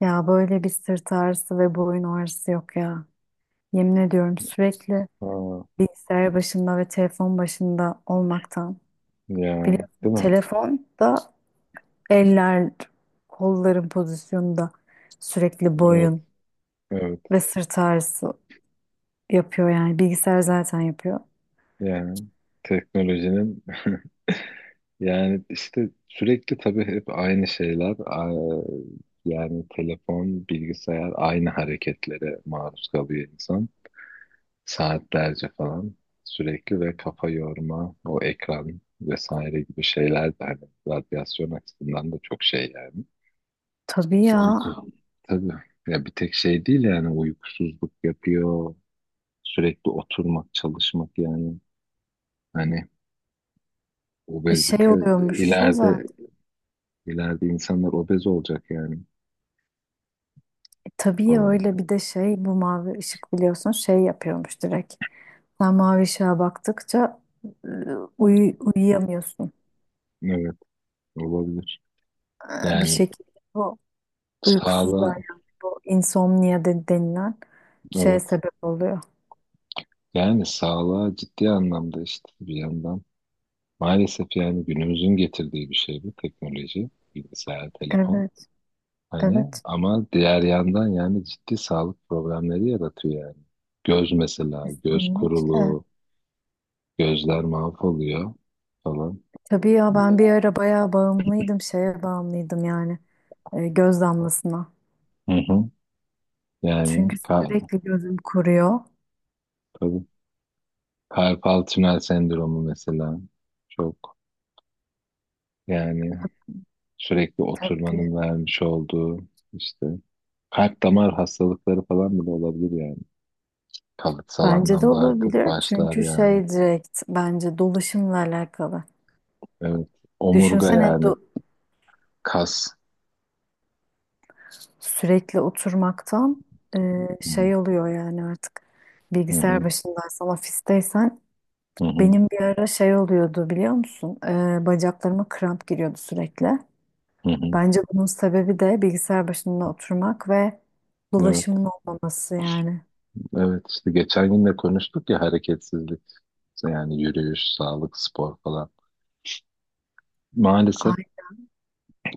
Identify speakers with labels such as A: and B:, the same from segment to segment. A: Ya böyle bir sırt ağrısı ve boyun ağrısı yok ya. Yemin ediyorum, sürekli
B: Ha,
A: bilgisayar başında ve telefon başında olmaktan.
B: ya
A: Biliyorsun,
B: değil mi?
A: telefon da eller, kolların pozisyonunda sürekli
B: Evet,
A: boyun
B: evet.
A: ve sırt ağrısı yapıyor yani. Bilgisayar zaten yapıyor.
B: Yani teknolojinin yani işte sürekli tabii hep aynı şeyler. Yani telefon, bilgisayar aynı hareketlere maruz kalıyor insan. Saatlerce falan sürekli ve kafa yorma, o ekran vesaire gibi şeyler de hani radyasyon açısından da çok şey yani.
A: Tabii ya.
B: Uyku. Tabii. Ya bir tek şey değil yani uykusuzluk yapıyor. Sürekli oturmak, çalışmak yani. Hani
A: E şey
B: obezite
A: oluyormuş ya
B: ileride
A: zaten.
B: ileride insanlar obez olacak yani
A: E tabii ya,
B: falan.
A: öyle bir de şey, bu mavi ışık, biliyorsun, şey yapıyormuş direkt. Sen mavi ışığa baktıkça e, uyuyamıyorsun.
B: Evet olabilir.
A: Bir
B: Yani
A: şekilde o uykusuzluğa,
B: sağlığa
A: yani bu insomnia denilen şeye
B: evet
A: sebep oluyor.
B: yani sağlığa ciddi anlamda işte bir yandan maalesef yani günümüzün getirdiği bir şey bu teknoloji, bilgisayar, telefon.
A: Evet,
B: Hani
A: evet,
B: ama diğer yandan yani ciddi sağlık problemleri yaratıyor yani. Göz mesela, göz
A: kesinlikle.
B: kuruluğu, gözler mahvoluyor falan.
A: Tabii ya, ben bir ara bayağı bağımlıydım, şeye bağımlıydım yani, göz damlasına.
B: Hı hı. Yani
A: Çünkü
B: ka-
A: sürekli gözüm kuruyor.
B: tabii. Karpal tünel sendromu mesela çok yani sürekli
A: Tabii.
B: oturmanın vermiş olduğu işte kalp damar hastalıkları falan bile olabilir yani. Kalıtsal
A: Bence de
B: anlamda artık
A: olabilir.
B: başlar
A: Çünkü
B: yani.
A: şey, direkt bence dolaşımla alakalı.
B: Evet. Omurga
A: Düşünsene,
B: yani kas.
A: sürekli oturmaktan
B: Hı hı,
A: şey oluyor yani, artık
B: hı
A: bilgisayar
B: hı,
A: başındaysan, ofisteysen.
B: hı hı,
A: Benim bir ara şey oluyordu, biliyor musun? Bacaklarıma kramp giriyordu sürekli.
B: hı
A: Bence bunun sebebi de bilgisayar başında oturmak ve
B: Evet.
A: dolaşımın olmaması yani.
B: Evet işte geçen gün de konuştuk ya hareketsizlik. İşte yani yürüyüş, sağlık, spor falan. Maalesef
A: Ay,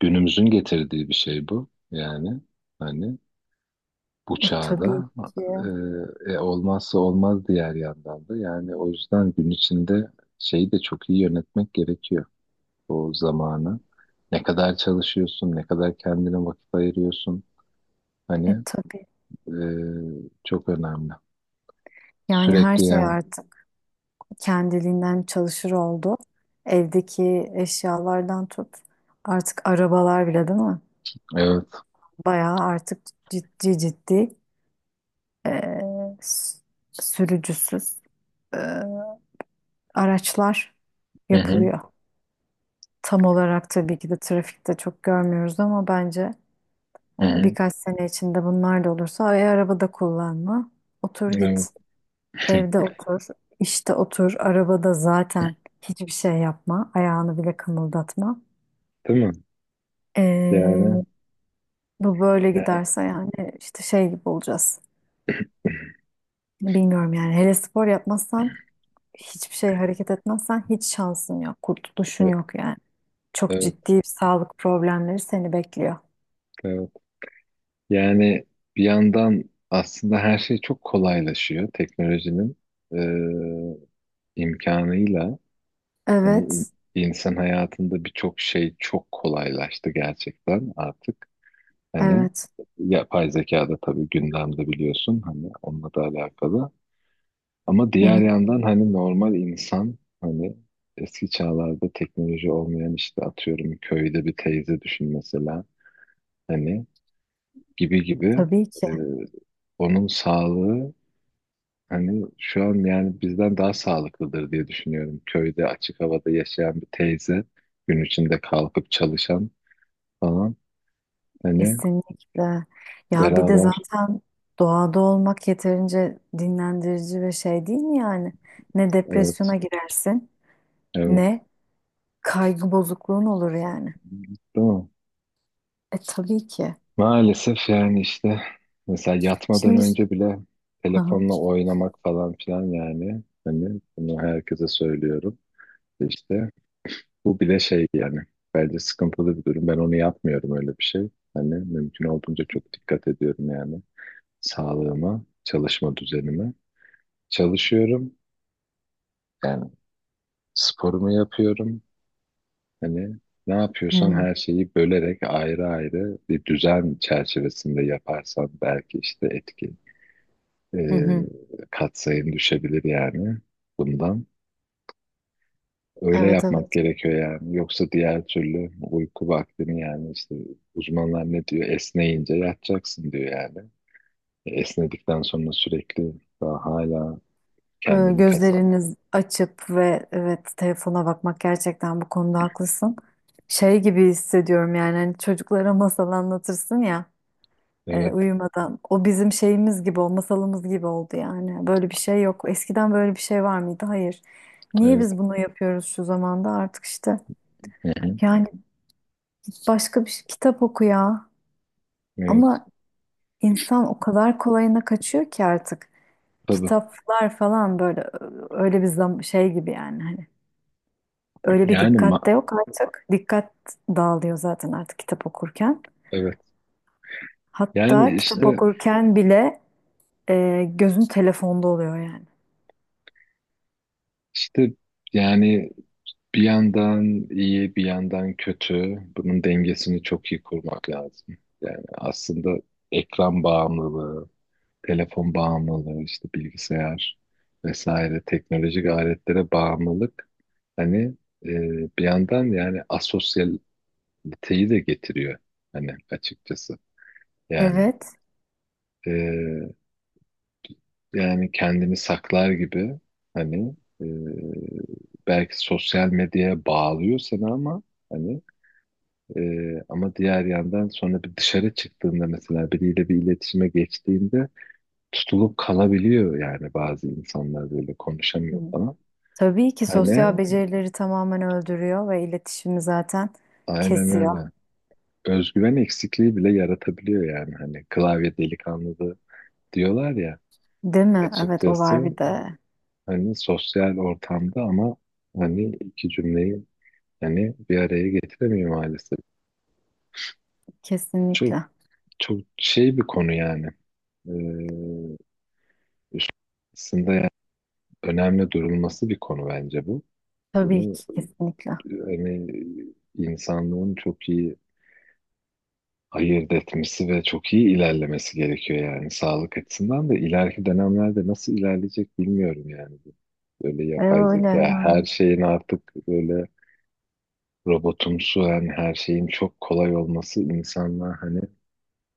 B: günümüzün getirdiği bir şey bu. Yani hani bu
A: tabii
B: çağda.
A: ki.
B: Olmazsa olmaz diğer yandan da. Yani o yüzden gün içinde şeyi de çok iyi yönetmek gerekiyor. O zamanı. Ne kadar çalışıyorsun, ne kadar kendine vakit ayırıyorsun. Hani
A: E tabii.
B: e, çok önemli.
A: Yani her
B: Sürekli
A: şey
B: yani.
A: artık kendiliğinden çalışır oldu. Evdeki eşyalardan tut. Artık arabalar bile, değil mi?
B: Evet.
A: Bayağı artık, ciddi ciddi, e, s- sürücüsüz e, araçlar
B: Hı hı.
A: yapılıyor. Tam olarak tabii ki de trafikte çok görmüyoruz ama bence
B: Hı hı.
A: birkaç sene içinde bunlar da olursa, ay, arabada kullanma. Otur
B: Evet.
A: git. Evde otur. İşte otur. Arabada zaten hiçbir şey yapma. Ayağını bile kımıldatma.
B: Değil mi?
A: E,
B: Yani,
A: bu böyle
B: yani
A: giderse yani, işte şey gibi olacağız. Bilmiyorum yani, hele spor yapmazsan, hiçbir şey hareket etmezsen hiç şansın yok. Kurtuluşun
B: evet,
A: yok yani. Çok
B: evet,
A: ciddi sağlık problemleri seni bekliyor.
B: evet. Yani bir yandan aslında her şey çok kolaylaşıyor teknolojinin e, imkanıyla. Hani
A: Evet.
B: insan hayatında birçok şey çok kolaylaştı gerçekten artık. Hani
A: Evet.
B: yapay zeka da tabii gündemde biliyorsun hani onunla da alakalı. Ama
A: Hı
B: diğer
A: hı.
B: yandan hani normal insan hani eski çağlarda teknoloji olmayan işte atıyorum köyde bir teyze düşün mesela hani gibi gibi
A: Tabii ki,
B: e, onun sağlığı hani şu an yani bizden daha sağlıklıdır diye düşünüyorum. Köyde açık havada yaşayan bir teyze, gün içinde kalkıp çalışan falan. Hani
A: kesinlikle. Ya bir de
B: beraber
A: zaten doğada olmak yeterince dinlendirici ve şey, değil mi yani? Ne
B: evet
A: depresyona girersin,
B: evet
A: ne kaygı bozukluğun olur yani.
B: değil mi?
A: E tabii ki.
B: Maalesef yani işte mesela yatmadan
A: Şimdi.
B: önce bile
A: Hı hı.
B: telefonla oynamak falan filan yani hani bunu herkese söylüyorum. İşte bu bile şey yani bence sıkıntılı bir durum. Ben onu yapmıyorum öyle bir şey. Hani mümkün olduğunca çok dikkat ediyorum yani sağlığıma, çalışma düzenime. Çalışıyorum yani sporumu yapıyorum. Hani ne
A: Hı
B: yapıyorsam
A: hı.
B: her şeyi bölerek ayrı ayrı bir düzen çerçevesinde yaparsam belki işte etki e,
A: Hı hı.
B: katsayım düşebilir yani bundan. Öyle
A: Evet,
B: yapmak
A: evet.
B: gerekiyor yani. Yoksa diğer türlü uyku vaktini yani işte uzmanlar ne diyor? Esneyince yatacaksın diyor yani. Esnedikten sonra sürekli daha hala kendini kasar.
A: Gözleriniz açıp ve, evet, telefona bakmak, gerçekten bu konuda haklısın. Şey gibi hissediyorum yani, hani çocuklara masal anlatırsın ya.
B: Evet,
A: Uyumadan. O bizim şeyimiz gibi, o masalımız gibi oldu yani. Böyle bir şey yok. Eskiden böyle bir şey var mıydı? Hayır. Niye
B: evet.
A: biz bunu yapıyoruz şu zamanda? Artık işte,
B: Hı hı.
A: yani kitap oku ya.
B: Evet.
A: Ama insan o kadar kolayına kaçıyor ki artık.
B: Tabii.
A: Kitaplar falan böyle, öyle bir zam şey gibi yani, hani. Öyle bir
B: Yani
A: dikkat de
B: ma-
A: yok artık. Dikkat dağılıyor zaten artık kitap okurken.
B: evet. Yani
A: Hatta kitap, evet,
B: işte
A: okurken bile gözün telefonda oluyor yani.
B: işte yani bir yandan iyi bir yandan kötü. Bunun dengesini çok iyi kurmak lazım. Yani aslında ekran bağımlılığı, telefon bağımlılığı, işte bilgisayar vesaire teknolojik aletlere bağımlılık hani e, bir yandan yani asosyaliteyi de getiriyor hani açıkçası. Yani
A: Evet.
B: e, yani kendini saklar gibi hani belki sosyal medyaya bağlıyor seni ama hani e, ama diğer yandan sonra bir dışarı çıktığında mesela biriyle bir iletişime geçtiğinde tutulup kalabiliyor yani bazı insanlar böyle konuşamıyor
A: Hı.
B: falan.
A: Tabii ki
B: Hani
A: sosyal becerileri tamamen öldürüyor ve iletişimi zaten
B: aynen
A: kesiyor.
B: öyle. Özgüven eksikliği bile yaratabiliyor yani hani klavye delikanlısı diyorlar ya
A: Değil mi? Evet, o var
B: açıkçası
A: bir de.
B: hani sosyal ortamda ama hani iki cümleyi yani bir araya getiremiyor maalesef. Çok
A: Kesinlikle.
B: çok şey bir konu yani. Ee, Aslında yani önemli durulması bir konu bence bu.
A: Tabii
B: Bunu
A: ki kesinlikle.
B: hani insanlığın çok iyi ayırt etmesi ve çok iyi ilerlemesi gerekiyor yani sağlık açısından da ileriki dönemlerde nasıl ilerleyecek bilmiyorum yani bu. Böyle
A: E,
B: yapay
A: öyle
B: zeka her
A: yani.
B: şeyin artık böyle robotumsu yani her şeyin çok kolay olması insanlığa hani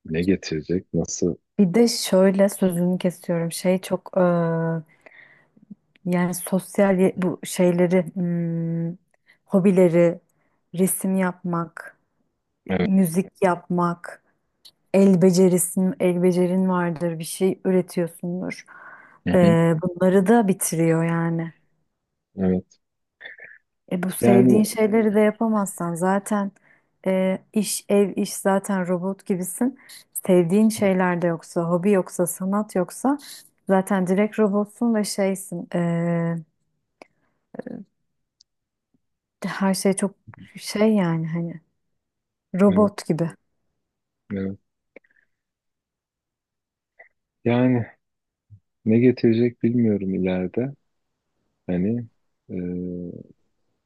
B: ne getirecek nasıl
A: Bir de şöyle, sözünü kesiyorum. Şey çok yani sosyal, bu şeyleri, hobileri, resim yapmak,
B: evet.
A: müzik yapmak, el becerin vardır, bir şey üretiyorsundur.
B: Hı
A: E,
B: hı.
A: bunları da bitiriyor yani.
B: Evet.
A: E, bu
B: Yani
A: sevdiğin şeyleri de yapamazsan, zaten iş, ev, iş, zaten robot gibisin. Sevdiğin şeyler de yoksa, hobi yoksa, sanat yoksa zaten direkt robotsun ve şeysin. Her şey çok şey yani, hani
B: evet,
A: robot gibi.
B: evet. Yani ne getirecek bilmiyorum ileride. Hani e,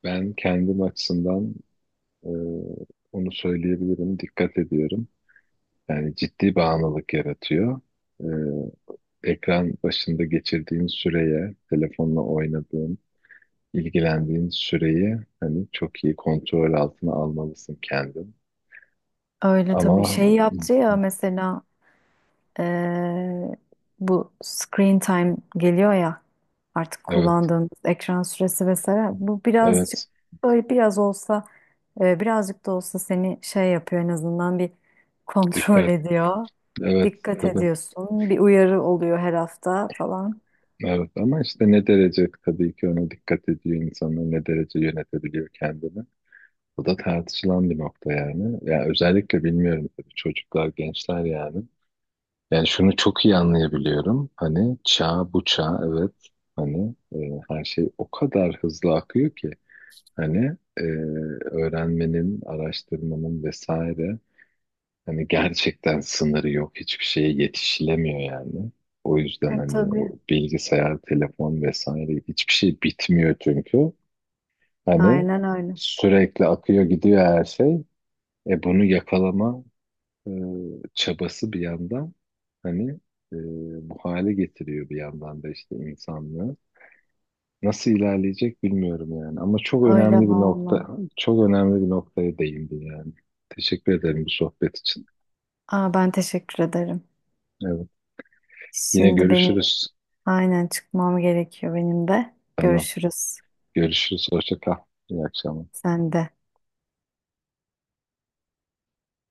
B: ben kendim açısından e, onu söyleyebilirim. Dikkat ediyorum. Yani ciddi bağımlılık yaratıyor. E, Ekran başında geçirdiğin süreye, telefonla oynadığın, ilgilendiğin süreyi hani çok iyi kontrol altına almalısın kendin.
A: Öyle
B: Ama
A: tabii. Şey yaptı ya mesela. Ee, bu screen time geliyor ya, artık
B: evet,
A: kullandığımız ekran süresi vesaire, bu birazcık,
B: evet,
A: böyle biraz olsa, birazcık da olsa seni şey yapıyor, en azından bir kontrol
B: dikkat,
A: ediyor.
B: evet,
A: Dikkat
B: tabii.
A: ediyorsun. Bir uyarı oluyor her hafta falan.
B: Evet ama işte ne derece tabii ki ona dikkat ediyor insanlar, ne derece yönetebiliyor kendini. Bu da tartışılan bir nokta yani. Ya özellikle bilmiyorum tabii çocuklar, gençler yani. Yani şunu çok iyi anlayabiliyorum. Hani çağ bu çağ evet hani her şey o kadar hızlı akıyor ki hani öğrenmenin, araştırmanın vesaire hani gerçekten sınırı yok. Hiçbir şeye yetişilemiyor yani. O yüzden
A: Ha,
B: hani o
A: tabii.
B: bilgisayar, telefon vesaire hiçbir şey bitmiyor çünkü. Hani
A: Aynen öyle.
B: sürekli akıyor gidiyor her şey. E bunu yakalama e, çabası bir yandan hani e, bu hale getiriyor bir yandan da işte insanlığı. Nasıl ilerleyecek bilmiyorum yani. Ama çok
A: Öyle
B: önemli bir
A: valla.
B: nokta, çok önemli bir noktaya değindin yani. Teşekkür ederim bu sohbet için.
A: Aa, ben teşekkür ederim.
B: Evet. Yine
A: Şimdi benim,
B: görüşürüz.
A: aynen, çıkmam gerekiyor benim de.
B: Tamam.
A: Görüşürüz.
B: Görüşürüz. Hoşça kal. İyi akşamlar.
A: Sen de.